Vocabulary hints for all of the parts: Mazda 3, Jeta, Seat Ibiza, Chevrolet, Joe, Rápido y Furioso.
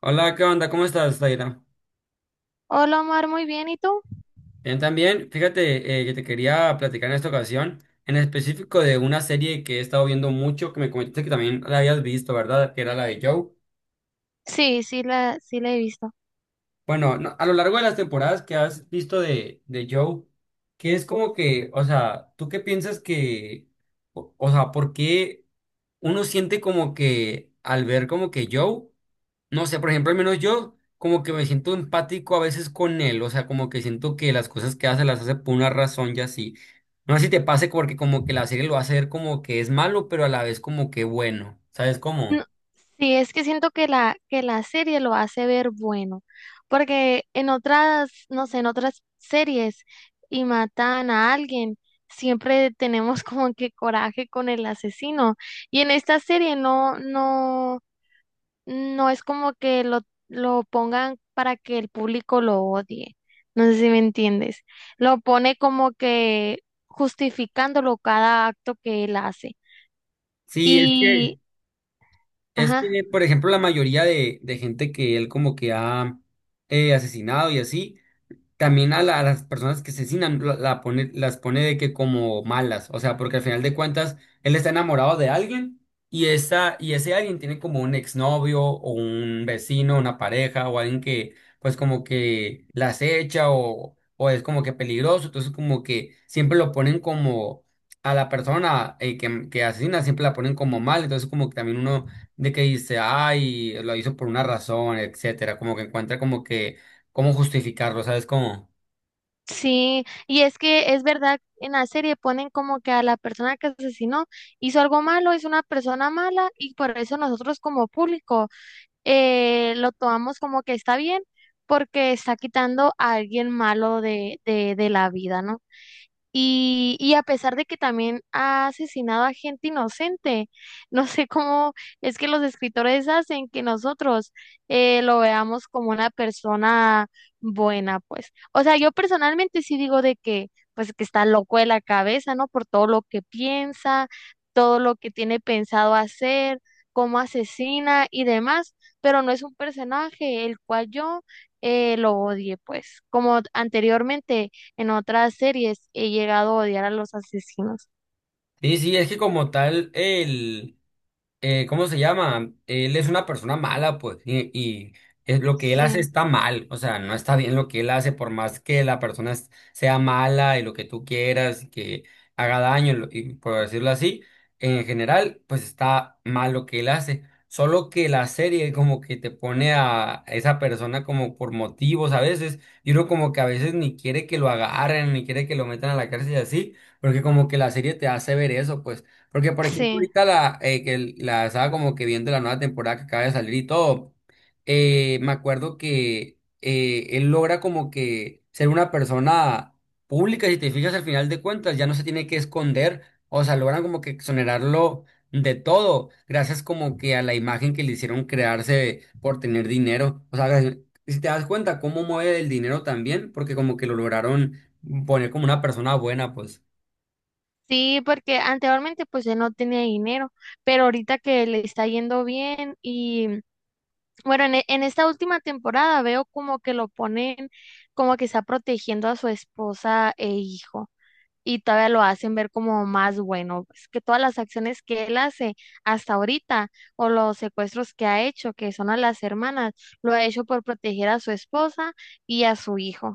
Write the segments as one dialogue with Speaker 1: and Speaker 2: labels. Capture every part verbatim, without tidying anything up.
Speaker 1: Hola, ¿qué onda? ¿Cómo estás, Taira?
Speaker 2: Hola Omar, muy bien, ¿y tú?
Speaker 1: Bien, también, fíjate eh, que te quería platicar en esta ocasión, en específico de una serie que he estado viendo mucho, que me comentaste que también la habías visto, ¿verdad? Que era la de Joe.
Speaker 2: Sí, sí la, sí la he visto.
Speaker 1: Bueno, no, a lo largo de las temporadas que has visto de, de Joe, qué es como que, o sea, ¿tú qué piensas que, o, o sea, por qué uno siente como que al ver como que Joe, no sé, por ejemplo, al menos yo como que me siento empático a veces con él, o sea, como que siento que las cosas que hace las hace por una razón y así. No sé si te pase porque como que la serie lo hace ver como que es malo, pero a la vez como que bueno, ¿sabes
Speaker 2: No,
Speaker 1: cómo?
Speaker 2: sí, es que siento que la, que la serie lo hace ver bueno, porque en otras, no sé, en otras series y matan a alguien, siempre tenemos como que coraje con el asesino, y en esta serie no, no, No es como que lo, lo pongan para que el público lo odie. No sé si me entiendes. Lo pone como que justificándolo cada acto que él hace.
Speaker 1: Sí, es
Speaker 2: Y,
Speaker 1: que... Es
Speaker 2: ajá,
Speaker 1: que, por ejemplo, la mayoría de, de gente que él como que ha eh, asesinado y así, también a, la- a las personas que asesinan la, la pone, las pone de que como malas, o sea, porque al final de cuentas él está enamorado de alguien y, esa, y ese alguien tiene como un exnovio o un vecino, una pareja o alguien que pues como que la acecha o, o es como que peligroso, entonces como que siempre lo ponen como a la persona eh, que, que asesina, siempre la ponen como mal, entonces como que también uno de que dice, ay, lo hizo por una razón, etcétera, como que encuentra como que cómo justificarlo, ¿sabes cómo?
Speaker 2: sí, y es que es verdad, en la serie ponen como que a la persona que asesinó hizo algo malo, es una persona mala y por eso nosotros como público eh, lo tomamos como que está bien porque está quitando a alguien malo de, de, de la vida, ¿no? Y, y a pesar de que también ha asesinado a gente inocente, no sé cómo es que los escritores hacen que nosotros eh, lo veamos como una persona buena, pues. O sea, yo personalmente sí digo de que, pues, que está loco de la cabeza, ¿no? Por todo lo que piensa, todo lo que tiene pensado hacer, cómo asesina y demás, pero no es un personaje el cual yo eh, lo odie, pues. Como anteriormente. En otras series he llegado a odiar a los asesinos.
Speaker 1: Sí, sí, es que como tal, el... eh, ¿cómo se llama? Él es una persona mala, pues, y, y es- lo que él hace
Speaker 2: Sí,
Speaker 1: está mal, o sea, no está bien lo que él hace, por más que la persona es- sea mala y lo que tú quieras, y que haga daño, lo- y por decirlo así, en general, pues está mal lo que él hace. Solo que la serie como que te pone a esa persona como por motivos a veces, y uno como que a veces ni quiere que lo agarren, ni quiere que lo metan a la cárcel y así, porque como que la serie te hace ver eso, pues. Porque, por ejemplo,
Speaker 2: sí,
Speaker 1: ahorita la, eh, que el- la estaba como que viendo la nueva temporada que acaba de salir y todo, eh, me acuerdo que eh, él logra como que ser una persona pública, si te fijas al final de cuentas, ya no se tiene que esconder, o sea, logran como que exonerarlo de todo, gracias como que a la imagen que le hicieron crearse por tener dinero. O sea, si te das cuenta cómo mueve el dinero también, porque como que lo lograron poner como una persona buena, pues.
Speaker 2: sí, porque anteriormente pues él no tenía dinero, pero ahorita que le está yendo bien y bueno, en, e- en esta última temporada veo como que lo ponen como que está protegiendo a su esposa e hijo y todavía lo hacen ver como más bueno, pues que todas las acciones que él hace hasta ahorita o los secuestros que ha hecho, que son a las hermanas, lo ha hecho por proteger a su esposa y a su hijo.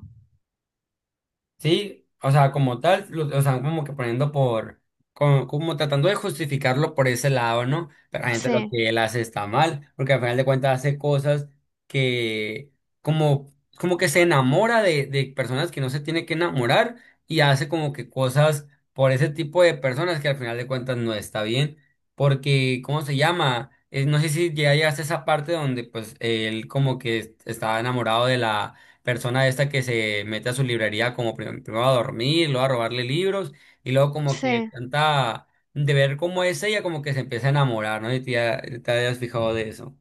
Speaker 1: Sí, o sea, como tal, lo, o sea, como que poniendo por, como, como tratando de justificarlo por ese lado, ¿no? Pero realmente lo
Speaker 2: Sí,
Speaker 1: que él hace está mal, porque al final de cuentas hace cosas que, como, como que se enamora de, de personas que no se tiene que enamorar y hace como que cosas por ese tipo de personas que al final de cuentas no está bien, porque, ¿cómo se llama? Eh, no sé si ya llegaste a esa parte donde pues él como que estaba enamorado de la persona esta que se mete a su librería como prim- primero a dormir, luego a robarle libros y luego como que
Speaker 2: sí.
Speaker 1: tanta de ver cómo es ella como que se empieza a enamorar, ¿no? Y te, ha- te habías fijado de eso.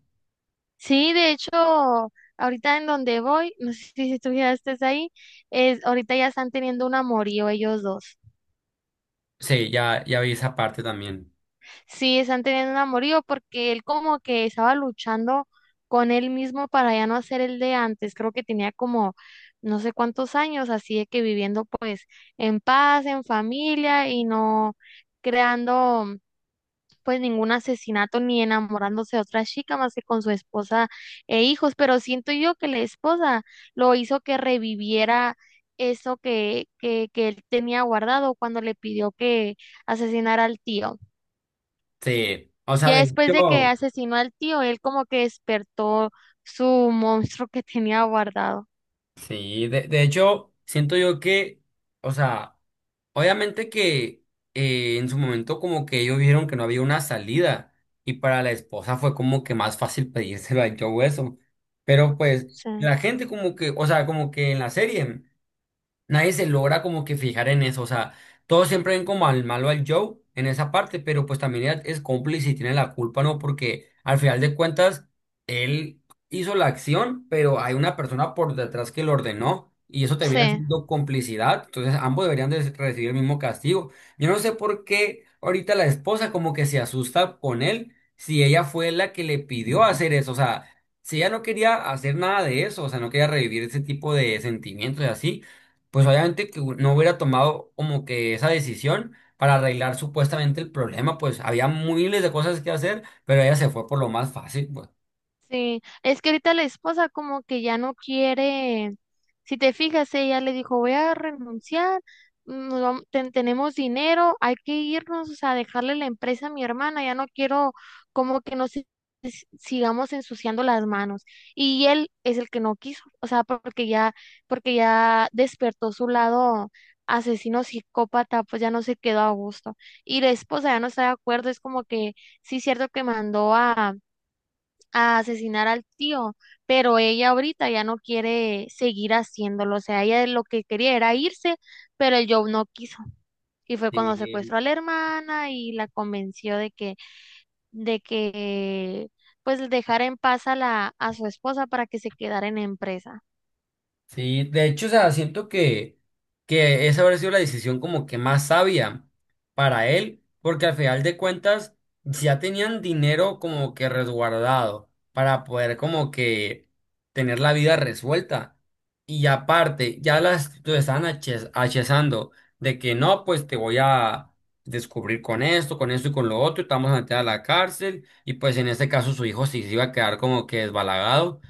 Speaker 2: Sí, de hecho, ahorita en donde voy, no sé si si tú ya estés ahí, es, ahorita ya están teniendo un amorío ellos dos.
Speaker 1: Sí, ya, ya vi esa parte también.
Speaker 2: Sí, están teniendo un amorío porque él como que estaba luchando con él mismo para ya no ser el de antes. Creo que tenía como no sé cuántos años, así de que viviendo pues en paz, en familia y no creando pues ningún asesinato ni enamorándose de otra chica más que con su esposa e hijos, pero siento yo que la esposa lo hizo que reviviera eso que, que, que él tenía guardado cuando le pidió que asesinara al tío.
Speaker 1: Sí, o sea,
Speaker 2: Ya
Speaker 1: de
Speaker 2: después de que
Speaker 1: hecho,
Speaker 2: asesinó al tío, él como que despertó su monstruo que tenía guardado.
Speaker 1: sí, de, de hecho, siento yo que, o sea, obviamente que eh, en su momento como que ellos vieron que no había una salida y para la esposa fue como que más fácil pedírselo a Joe eso. Pero pues
Speaker 2: Sí,
Speaker 1: la gente como que, o sea, como que en la serie nadie se logra como que fijar en eso, o sea, todos siempre ven como al malo al Joe en esa parte, pero pues también ella es cómplice y tiene la culpa, ¿no? Porque al final de cuentas, él hizo la acción, pero hay una persona por detrás que lo ordenó y eso termina
Speaker 2: sí.
Speaker 1: siendo complicidad, entonces ambos deberían de recibir el mismo castigo. Yo no sé por qué ahorita la esposa como que se asusta con él si ella fue la que le pidió hacer eso, o sea... Si ella no quería hacer nada de eso, o sea, no quería revivir ese tipo de sentimientos y así, pues obviamente que no hubiera tomado como que esa decisión para arreglar supuestamente el problema, pues había miles de cosas que hacer, pero ella se fue por lo más fácil, pues.
Speaker 2: Sí, es que ahorita la esposa como que ya no quiere, si te fijas, ella le dijo, voy a renunciar, mm, nos vam- ten- tenemos dinero, hay que irnos, o sea, dejarle la empresa a mi hermana, ya no quiero como que nos si- si- sigamos ensuciando las manos. Y él es el que no quiso, o sea, porque ya, porque ya despertó su lado asesino psicópata, pues ya no se quedó a gusto. Y la esposa ya no está de acuerdo, es como que sí es cierto que mandó a a asesinar al tío, pero ella ahorita ya no quiere seguir haciéndolo, o sea, ella lo que quería era irse, pero el Joe no quiso. Y fue cuando
Speaker 1: Sí.
Speaker 2: secuestró a la hermana y la convenció de que, de que, pues dejara en paz a la, a su esposa para que se quedara en la empresa,
Speaker 1: Sí, de hecho, o sea, siento que, que esa habría sido la decisión como que más sabia para él, porque al final de cuentas si ya tenían dinero como que resguardado para poder como que tener la vida resuelta. Y aparte, ya las lo estaban aches- achezando de que no, pues te voy a descubrir con esto, con esto y con lo otro, y te vamos a meter a la cárcel, y pues en este caso su hijo sí se iba a quedar como que desbalagado.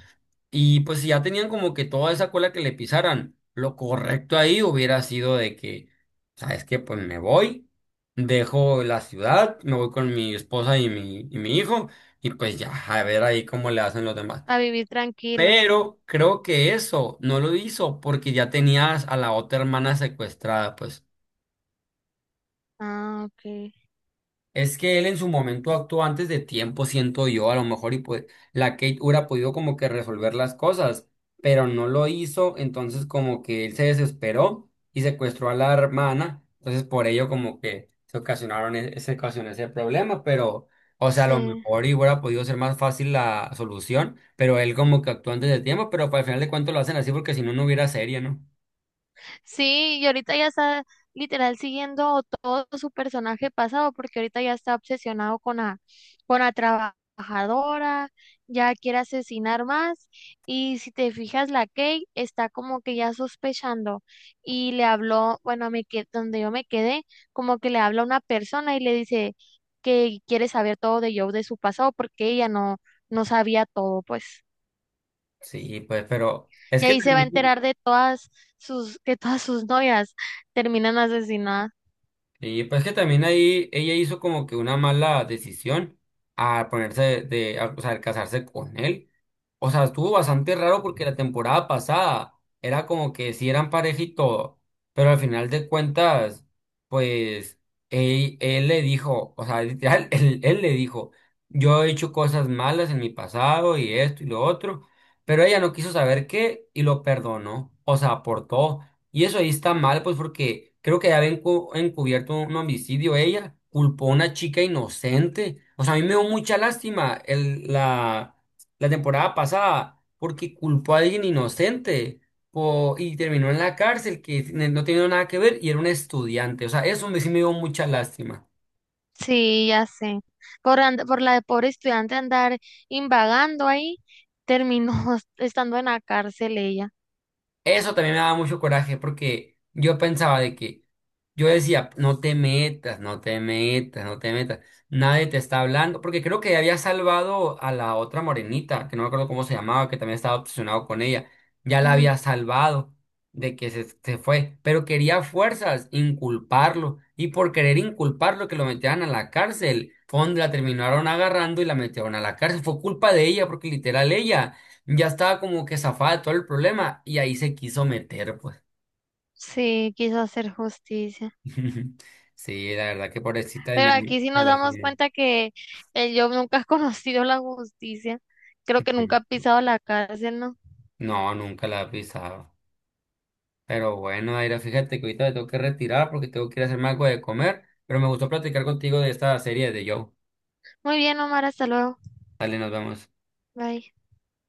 Speaker 1: Y pues si ya tenían como que toda esa cola que le pisaran, lo correcto ahí hubiera sido de que, ¿sabes qué? Pues me voy, dejo la ciudad, me voy con mi esposa y mi, y mi hijo, y pues ya, a ver ahí cómo le hacen los demás.
Speaker 2: a vivir tranquilos.
Speaker 1: Pero creo que eso no lo hizo porque ya tenías a la otra hermana secuestrada, pues.
Speaker 2: Ah, ok.
Speaker 1: Es que él en su momento actuó antes de tiempo, siento yo, a lo mejor, y pues la Kate hubiera podido como que resolver las cosas, pero no lo hizo, entonces como que él se desesperó y secuestró a la hermana, entonces por ello como que se ocasionaron, e- se ocasionó ese problema, pero, o sea, a lo
Speaker 2: Sí.
Speaker 1: mejor y hubiera podido ser más fácil la solución, pero él como que actuó antes de tiempo, pero pues, al final de cuentas lo hacen así porque si no, no hubiera serie, ¿no?
Speaker 2: Sí, y ahorita ya está literal siguiendo todo su personaje pasado, porque ahorita ya está obsesionado con la, con la trabajadora, ya quiere asesinar más, y si te fijas, la Kate está como que ya sospechando, y le habló, bueno, me que donde yo me quedé, como que le habla a una persona y le dice que quiere saber todo de Joe, de su pasado, porque ella no, no sabía todo, pues.
Speaker 1: Sí, pues, pero es
Speaker 2: Y
Speaker 1: que
Speaker 2: ahí se va a
Speaker 1: también...
Speaker 2: enterar de todas sus, que todas sus novias terminan asesinadas.
Speaker 1: Y pues que también ahí ella hizo como que una mala decisión al ponerse de, a- o sea, al casarse con él. O sea, estuvo bastante raro porque la temporada pasada era como que sí eran pareja y todo, pero al final de cuentas, pues él, él le dijo, o sea, literal, él, él le dijo, yo he hecho cosas malas en mi pasado y esto y lo otro, pero ella no quiso saber qué y lo perdonó, o sea, aportó. Y eso ahí está mal, pues porque creo que ya había encu- encubierto un homicidio ella, culpó a una chica inocente. O sea, a mí me dio mucha lástima el, la, la temporada pasada porque culpó a alguien inocente po- y terminó en la cárcel que ne- no tenía nada que ver y era un estudiante. O sea, eso me, sí me dio mucha lástima.
Speaker 2: Sí, ya sé. Por, and- por la de pobre estudiante andar invagando ahí, terminó estando en la cárcel ella.
Speaker 1: Eso también me daba mucho coraje porque yo pensaba de que yo decía, no te metas, no te metas, no te metas, nadie te está hablando, porque creo que había salvado a la otra morenita, que no me acuerdo cómo se llamaba, que también estaba obsesionado con ella, ya la
Speaker 2: Ujú.
Speaker 1: había salvado de que se, se fue, pero quería a fuerzas inculparlo y por querer inculparlo que lo metieran a la cárcel, fue donde la terminaron agarrando y la metieron a la cárcel, fue culpa de ella porque literal ella. Ya estaba como que zafada de todo el problema y ahí se quiso meter, pues.
Speaker 2: Sí, quiso hacer justicia.
Speaker 1: Sí, la verdad que pobrecita de
Speaker 2: Pero
Speaker 1: Manu-
Speaker 2: aquí sí
Speaker 1: me
Speaker 2: nos
Speaker 1: la
Speaker 2: damos
Speaker 1: tiene.
Speaker 2: cuenta que el Job nunca ha conocido la justicia. Creo que nunca ha pisado la cárcel, ¿no?
Speaker 1: No, nunca la he pisado. Pero bueno, Aira, fíjate que ahorita me tengo que retirar porque tengo que ir a hacerme algo de comer. Pero me gustó platicar contigo de esta serie de Joe.
Speaker 2: Muy bien, Omar, hasta luego.
Speaker 1: Dale, nos vemos.
Speaker 2: Bye.